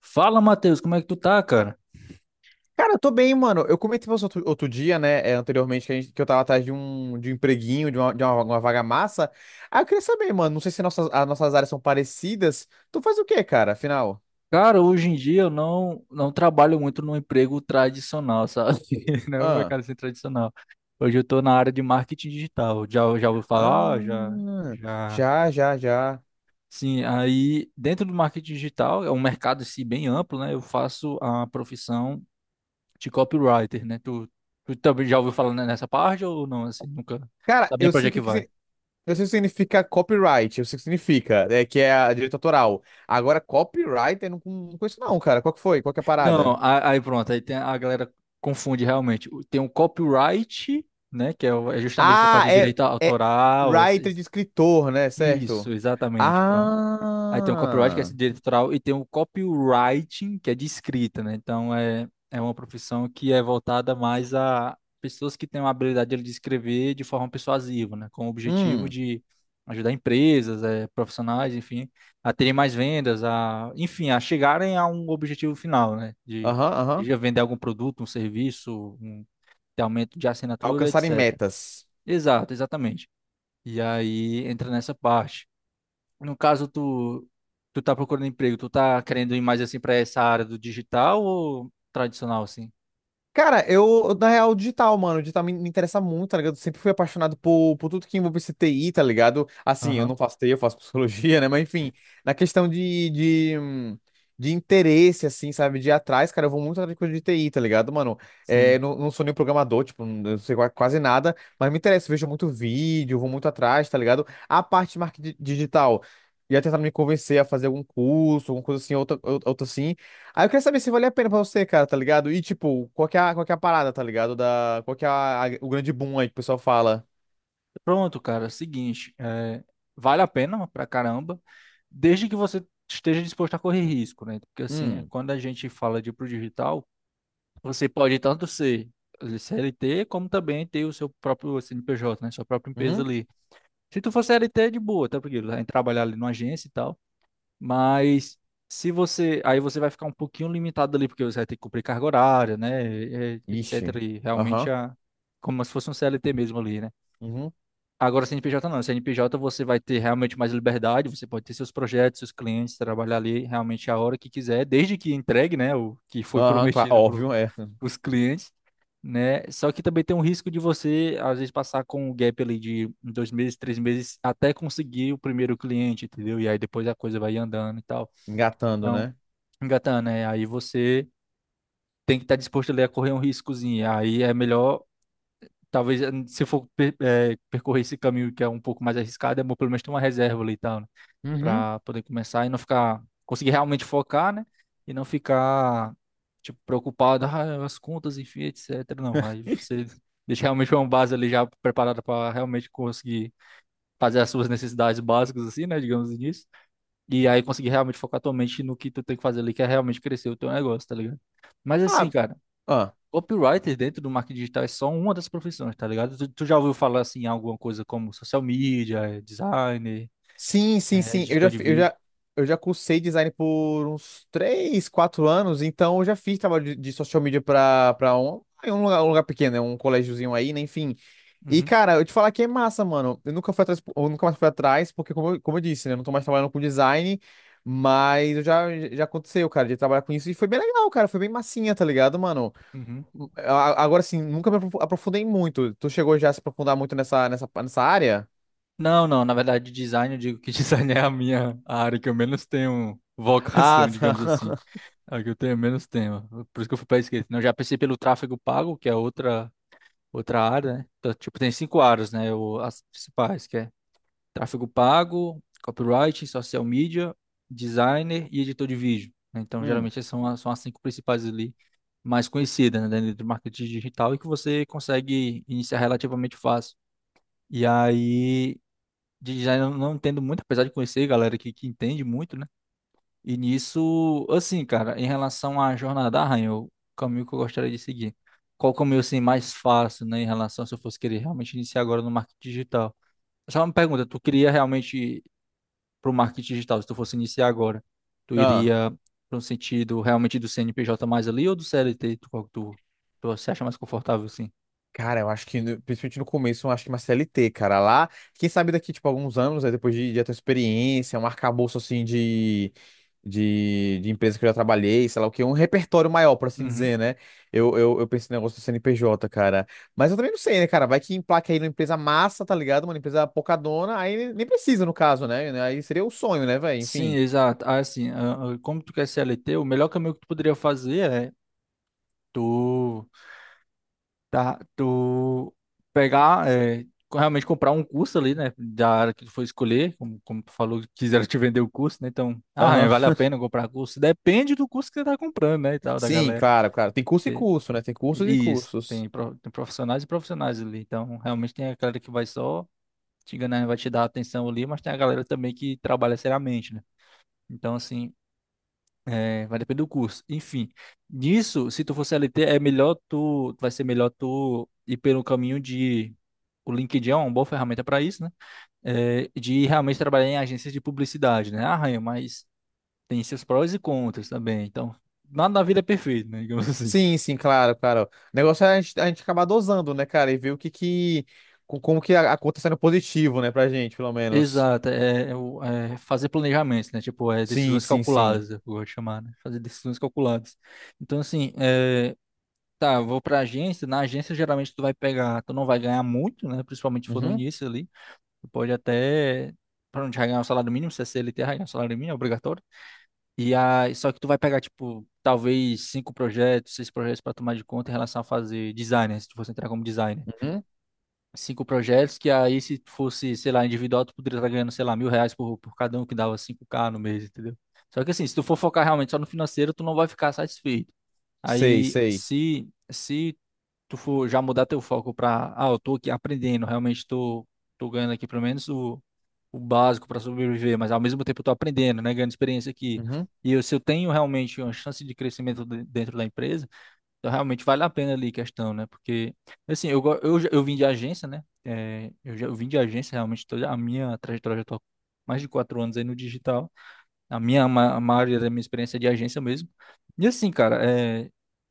Fala, Matheus, como é que tu tá, cara? Cara, eu tô bem, mano. Eu comentei com você outro dia, né, anteriormente, que eu tava atrás de um empreguinho, de uma vaga massa. Ah, eu queria saber, mano, não sei se as nossas áreas são parecidas. Tu faz o quê, cara, afinal? Cara, hoje em dia eu não trabalho muito no emprego tradicional, sabe? Não é um Ah, mercado assim tradicional. Hoje eu tô na área de marketing digital. Já ouviu falar? Já, ah, já. já, já, já. Sim, aí dentro do marketing digital é um mercado assim, bem amplo, né? Eu faço a profissão de copywriter, né? Tu também já ouviu falar nessa parte ou não? Assim, nunca. Cara, Sabe nem pra onde é que vai? Eu sei o que significa copyright, eu sei o que significa, que é a direito autoral. Agora, copywriter, eu não conheço não, cara. Qual que foi? Qual que é a Não, parada? Aí pronto, a galera confunde realmente. Tem o copyright, né, que é é justamente essa parte Ah, de é, direito é autoral. Writer de escritor, né? Isso, Certo? exatamente. Aí tem o copyright, que é Ah. esse direito autoral, e tem o copywriting, que é de escrita, né? Então é uma profissão que é voltada mais a pessoas que têm uma habilidade de escrever de forma persuasiva, né? Com o objetivo Hum. de ajudar empresas, profissionais, enfim, a terem mais vendas, a, enfim, a chegarem a um objetivo final, né? De, Aham, aham. de vender algum produto, um serviço, um ter aumento de assinatura, Alcançarem etc. metas. Exato, exatamente. E aí entra nessa parte. No caso, tu tá procurando emprego, tu tá querendo ir mais assim pra essa área do digital ou tradicional, assim? Cara, eu, na real, digital, mano, digital me interessa muito, tá ligado? Eu sempre fui apaixonado por tudo que envolve esse TI, tá ligado? Assim, eu Aham, não faço TI, eu faço psicologia, né? Mas, enfim, na questão de interesse, assim, sabe? De ir atrás, cara, eu vou muito atrás de coisa de TI, tá ligado, mano? sim. É, não sou nem programador, tipo, não, eu sei quase nada, mas me interessa, eu vejo muito vídeo, vou muito atrás, tá ligado? A parte de marketing digital. Ia tentar me convencer a fazer algum curso, alguma coisa assim, outra assim. Aí eu queria saber se valia a pena pra você, cara, tá ligado? E, tipo, qual que é a parada, tá ligado? Da, qual que é a- o grande boom aí que o pessoal fala? Pronto, cara, seguinte, vale a pena pra caramba, desde que você esteja disposto a correr risco, né? Porque assim, Hum, quando a gente fala de ir pro digital, você pode tanto ser CLT, como também ter o seu próprio CNPJ, né? Sua própria empresa uhum, ali. Se tu for CLT, é de boa, tá? Porque vai trabalhar ali numa agência e tal. Mas se você. Aí você vai ficar um pouquinho limitado ali, porque você vai ter que cumprir carga horária, né? Etc. ixi, E realmente aham, a. Como se fosse um CLT mesmo ali, né? uhum, Agora, CNPJ não. CNPJ você vai ter realmente mais liberdade, você pode ter seus projetos, seus clientes, trabalhar ali realmente a hora que quiser, desde que entregue, né? O que foi aham, claro, prometido para óbvio, os clientes, né? Só que também tem um risco de você, às vezes, passar com um gap ali de 2 meses, 3 meses, até conseguir o primeiro cliente, entendeu? E aí depois a coisa vai andando e tal. engatando, Então, né? engatando, né? Aí você tem que estar disposto ali a correr um riscozinho. Aí é melhor, talvez, se for percorrer esse caminho que é um pouco mais arriscado, é bom pelo menos ter uma reserva ali e tal, né? Uhum. Pra poder começar e não ficar, conseguir realmente focar, né? E não ficar, tipo, preocupado, as contas, enfim, etc. Não, aí você deixa realmente uma base ali já preparada para realmente conseguir fazer as suas necessidades básicas, assim, né? Digamos assim. E aí conseguir realmente focar tua mente no que tu tem que fazer ali, que é realmente crescer o teu negócio, tá ligado? Mas assim, Ah, cara, ah, copywriter dentro do marketing digital é só uma das profissões, tá ligado? Tu já ouviu falar assim em alguma coisa como social media, designer, sim, sim, sim, eu já, editor de fi- vídeo? Eu já cursei design por uns 3, 4 anos, então eu já fiz trabalho de social media pra um lugar pequeno, né? Um colégiozinho aí, né? Enfim. E, Uhum, cara, eu te falar que é massa, mano. Eu nunca mais fui atrás, porque, como eu disse, né? Eu não tô mais trabalhando com design, mas eu já aconteceu, cara, de trabalhar com isso. E foi bem legal, cara. Foi bem massinha, tá ligado, mano? uhum. Agora, sim, nunca me aprofundei muito. Tu chegou já a se aprofundar muito nessa área? Não, não, na verdade, design, eu digo que design é a minha a área que eu menos tenho Ah, vocação, tá. digamos assim. É a que eu tenho menos tema. Por isso que eu fui para esquerda. Não, eu já pensei pelo tráfego pago, que é outra área, né? Então, tipo, tem cinco áreas, né? As principais, que é tráfego pago, copywriting, social media, designer e editor de vídeo, né? Então, Hum. geralmente, essas são as cinco principais ali, mais conhecidas, né, dentro do marketing digital e que você consegue iniciar relativamente fácil. E aí, de design eu não entendo muito, apesar de conhecer galera que entende muito, né? E nisso, assim, cara, em relação à jornada da Rainha, o caminho que eu gostaria de seguir. Qual o caminho, assim, mais fácil, né, em relação se eu fosse querer realmente iniciar agora no marketing digital? Só uma pergunta, tu queria realmente para o marketing digital, se tu fosse iniciar agora, tu Ah. iria para um sentido realmente do CNPJ mais ali ou do CLT? Qual que tu se acha mais confortável assim? Cara, eu acho que, principalmente no começo, eu acho que uma CLT, cara, lá, quem sabe daqui, tipo, alguns anos, aí depois de ter experiência, um arcabouço, assim, de empresa que eu já trabalhei, sei lá o que, um repertório maior, por assim Uhum. dizer, né? Eu penso no negócio do CNPJ, cara. Mas eu também não sei, né, cara? Vai que emplaca aí numa empresa massa, tá ligado? Uma empresa pocadona, aí nem precisa, no caso, né? Aí seria o sonho, né, velho? Sim, Enfim. exato. Ah, assim, como tu quer CLT, o melhor caminho que tu poderia fazer é tu, tá, tu pegar, realmente comprar um curso ali, né, da área que tu for escolher, como tu falou, que quiseram te vender o curso, né, então, Aham. vale a pena comprar curso? Depende do curso que você tá comprando, né, e tal, da Sim, galera. claro, claro. Tem curso e curso, né? Tem cursos e E Isso, cursos. tem, pro- tem profissionais e profissionais ali. Então, realmente tem a galera que vai só te enganar, vai te dar atenção ali, mas tem a galera também que trabalha seriamente, né? Então, assim, vai depender do curso. Enfim, nisso, se tu for CLT, vai ser melhor tu ir pelo caminho de. O LinkedIn é uma boa ferramenta para isso, né? É, de realmente trabalhar em agências de publicidade, né? Arranha, mas tem seus prós e contras também. Então, nada na vida é perfeito, né? Digamos assim. Sim, sim, claro, claro. O negócio é a gente acabar dosando, né, cara? E ver o que que. Como que a conta tá sendo positivo, né, pra gente, pelo menos. Exato, é fazer planejamentos, né? Tipo, é Sim, decisões sim, sim. calculadas, eu vou chamar, né? Fazer decisões calculadas. Então, assim, eu vou pra agência, na agência geralmente tu vai pegar, tu não vai ganhar muito, né? Principalmente se for no Uhum, início ali, tu pode até, pra não te ganhar o salário mínimo, se é CLT, vai ganhar o salário mínimo, é obrigatório. E aí, só que tu vai pegar, tipo, talvez cinco projetos, seis projetos pra tomar de conta em relação a fazer design, né? Se tu fosse entrar como designer uhum. cinco projetos, que aí se fosse, sei lá, individual, tu poderia estar ganhando, sei lá, R$ 1.000 por cada um, que dava 5K no mês, entendeu? Só que assim, se tu for focar realmente só no financeiro, tu não vai ficar satisfeito. Sei, Aí, sei. se tu for já mudar teu foco para, ah, eu tô aqui aprendendo, realmente tô ganhando aqui pelo menos o básico para sobreviver, mas ao mesmo tempo eu tô aprendendo, né, ganhando experiência aqui. Uhum. E se eu tenho realmente uma chance de crescimento dentro da empresa, então, realmente vale a pena ali a questão, né? Porque, assim, eu, go- eu, já- eu vim de agência, né? É, eu vim de agência, realmente, toda a minha trajetória já tô há mais de 4 anos aí no digital. A maioria da minha experiência é de agência mesmo. E assim, cara,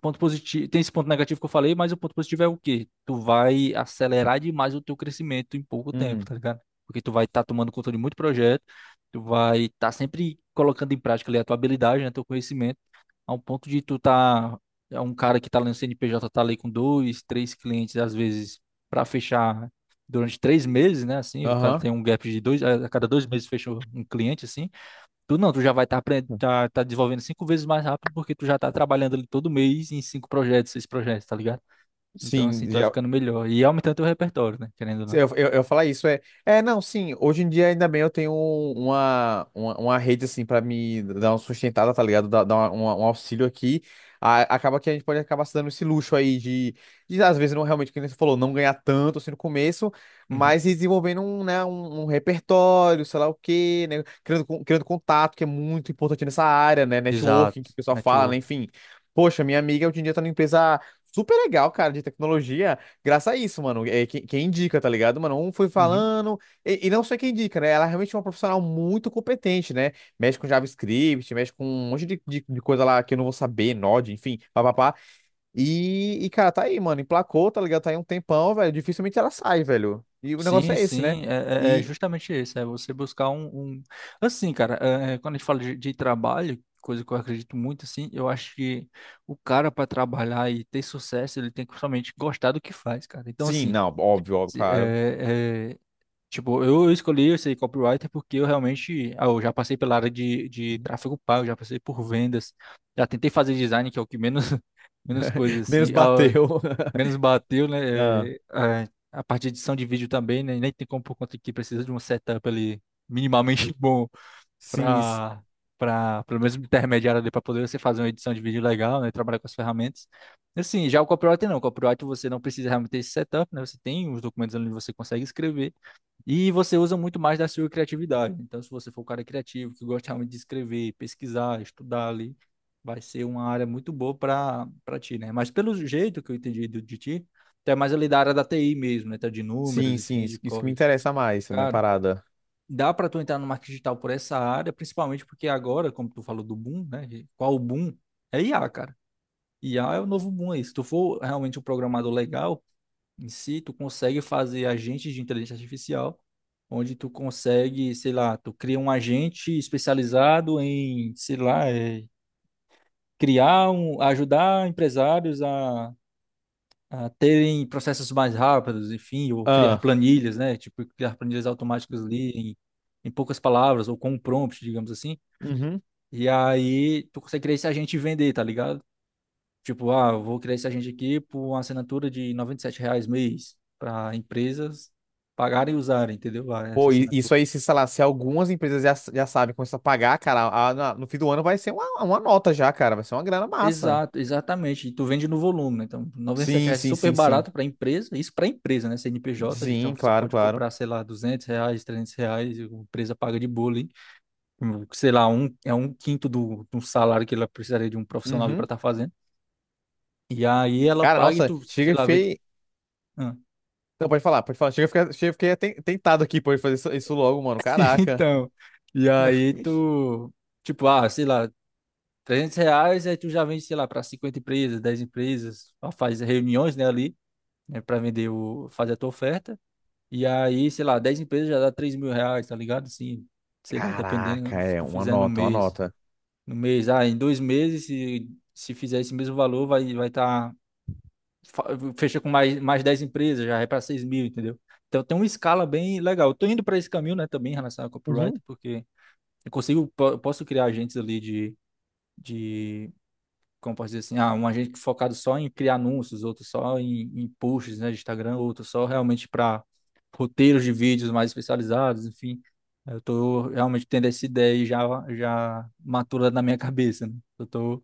ponto positivo, tem esse ponto negativo que eu falei, mas o ponto positivo é o quê? Tu vai acelerar demais o teu crescimento em pouco tempo, Hum, tá ligado? Porque tu vai estar tomando conta de muito projeto, tu vai estar sempre colocando em prática ali a tua habilidade, né, teu conhecimento, ao ponto de tu tá é um cara que tá lá no CNPJ tá ali com dois, três clientes às vezes para fechar durante 3 meses, né? Assim, o cara aham. tem um gap de dois, a cada 2 meses fecha um cliente assim. Tu não, tu já vai estar tá desenvolvendo cinco vezes mais rápido porque tu já tá trabalhando ali todo mês em cinco projetos, seis projetos, tá ligado? Então, assim, Sim, tu vai já. ficando melhor. E aumentando teu repertório, né? Querendo ou não. Eu falar isso é, é não, sim, hoje em dia ainda bem eu tenho uma rede assim pra me dar uma sustentada, tá ligado? Dar um auxílio aqui. Acaba que a gente pode acabar se dando esse luxo aí de às vezes não realmente, como você falou, não ganhar tanto assim no começo, Uhum. mas ir desenvolvendo um, né, um repertório, sei lá o quê, né? Criando contato, que é muito importante nessa área, né? Exato. Networking, que o pessoal fala, né? Network. Enfim. Poxa, minha amiga hoje em dia tá numa empresa super legal, cara, de tecnologia. Graças a isso, mano. É, quem indica, tá ligado, mano? Um foi Uhum. falando, e não só quem indica, né? Ela é realmente é uma profissional muito competente, né? Mexe com JavaScript, mexe com um monte de coisa lá que eu não vou saber, Node, enfim, papapá. E, cara, tá aí, mano. Emplacou, tá ligado? Tá aí um tempão, velho. Dificilmente ela sai, velho. E o negócio Sim, é esse, né? sim. É E, justamente isso. É você buscar um- assim, cara, quando a gente fala de trabalho, coisa que eu acredito muito, assim, eu acho que o cara, para trabalhar e ter sucesso, ele tem que somente gostar do que faz, cara. Então, sim, assim. não, óbvio, óbvio, Se- claro. É, é, Tipo, eu escolhi esse copywriter porque eu realmente, eu já passei pela área de tráfego pago, já passei por vendas, já tentei fazer design, que é o que menos, menos coisas Menos assim, bateu. menos bateu, Ah, né? A parte de edição de vídeo também, né? Nem tem como por conta que precisa de um setup ali minimamente bom sim, para para pelo menos intermediário ali para poder você fazer uma edição de vídeo legal, né? Trabalhar com as ferramentas. Assim, já o copywriter não, o copywriter você não precisa realmente ter esse setup, né? Você tem os documentos ali onde você consegue escrever. E você usa muito mais da sua criatividade. Então, se você for um cara criativo, que gosta realmente de escrever, pesquisar, estudar ali, vai ser uma área muito boa para ti, né? Mas pelo jeito que eu entendi de ti, até mais ali da área da TI mesmo, né? Tá de números, sim, sim. enfim, de Isso que me códigos. interessa mais, a minha Cara, parada. dá para tu entrar no marketing digital por essa área, principalmente porque agora, como tu falou do boom, né? Qual o boom? É IA, cara. IA é o novo boom aí. Se tu for realmente um programador legal, em si, tu consegue fazer agentes de inteligência artificial, onde tu consegue, sei lá, tu cria um agente especializado em, sei lá, criar um, ajudar empresários a terem processos mais rápidos, enfim, ou criar Ah, planilhas, né? Tipo, criar planilhas automáticas ali em poucas palavras, ou com um prompt, digamos assim. uhum. E aí tu consegue criar esse agente e vender, tá ligado? Tipo, eu vou criar esse agente aqui por uma assinatura de R$ 97 mês para empresas pagarem e usarem, entendeu? Ah, essa Pô, e assinatura. isso aí, se, sei lá, se algumas empresas já sabem começar a pagar, cara, no fim do ano vai ser uma nota já, cara. Vai ser uma grana massa. Exato, exatamente. E tu vende no volume, né? Então, R$ noventa e sete Sim, reais é sim, super sim, sim. barato para empresa, isso para empresa, né? CNPJ, Sim, então você claro, pode claro. comprar, sei lá, R$ 200, R$ 300, e a empresa paga de boa ali. Sei lá, é um quinto do salário que ela precisaria de um profissional para Uhum. estar fazendo. E aí ela Cara, paga e nossa, tu, chega sei e lá, vende. fei. Ah. Não, pode falar, pode falar. Chega e fiquei tentado aqui, pode fazer isso logo, mano. Caraca. Então, e aí tu, tipo, sei lá, R$ 300, aí tu já vende, sei lá, para 50 empresas, 10 empresas, ó, faz reuniões, né, ali, né, para vender o, fazer a tua oferta. E aí, sei lá, 10 empresas já dá R$ 3.000, tá ligado? Assim, sei lá, Caraca, dependendo se é tu uma fizer no nota, uma mês. nota. No mês, em 2 meses, se fizer esse mesmo valor, vai fa- fecha com mais 10 empresas, já é para 6 mil, entendeu? Então tem uma escala bem legal. Eu tô indo para esse caminho, né, também em relação ao copyright, Uhum. porque eu consigo, posso criar agentes ali de como posso dizer assim, um agente focado só em criar anúncios, outro só em posts, né, de Instagram, outro só realmente para roteiros de vídeos mais especializados, enfim. Eu tô realmente tendo essa ideia e já matura na minha cabeça, né? Eu tô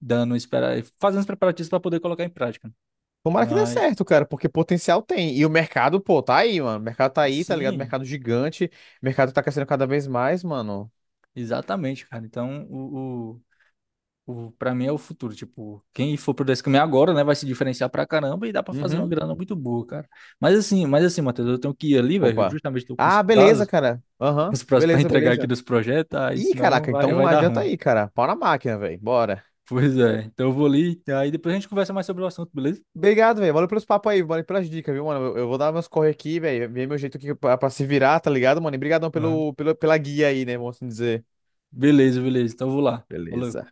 dando, espera, fazendo os preparativos para poder colocar em prática, né. Tomara que dê Mas, certo, cara, porque potencial tem. E o mercado, pô, tá aí, mano. O mercado tá aí, tá ligado? sim, Mercado gigante. O mercado tá crescendo cada vez mais, mano. exatamente, cara. Então, pra mim é o futuro. Tipo, quem for por esse caminho agora, né, vai se diferenciar pra caramba e dá pra fazer uma Uhum. grana muito boa, cara. Mas assim, Matheus, eu tenho que ir ali, velho. Opa. Justamente tô com os Ah, beleza, prazos, cara. com Aham. os prazos pra Beleza, entregar aqui beleza. dos projetos, aí Ih, senão caraca, vai, então vai dar adianta ruim. aí, cara. Pau na máquina, velho. Bora. Pois é. Então eu vou ali, aí depois a gente conversa mais sobre o assunto, beleza? Obrigado, velho. Valeu pelos papos aí, valeu pelas dicas, viu, mano? Eu vou dar meus corre aqui, velho. Ver meu jeito aqui pra se virar, tá ligado, mano? E brigadão Aham. pela guia aí, né, vamos assim dizer. Beleza, beleza. Então eu vou lá. Falou. Beleza.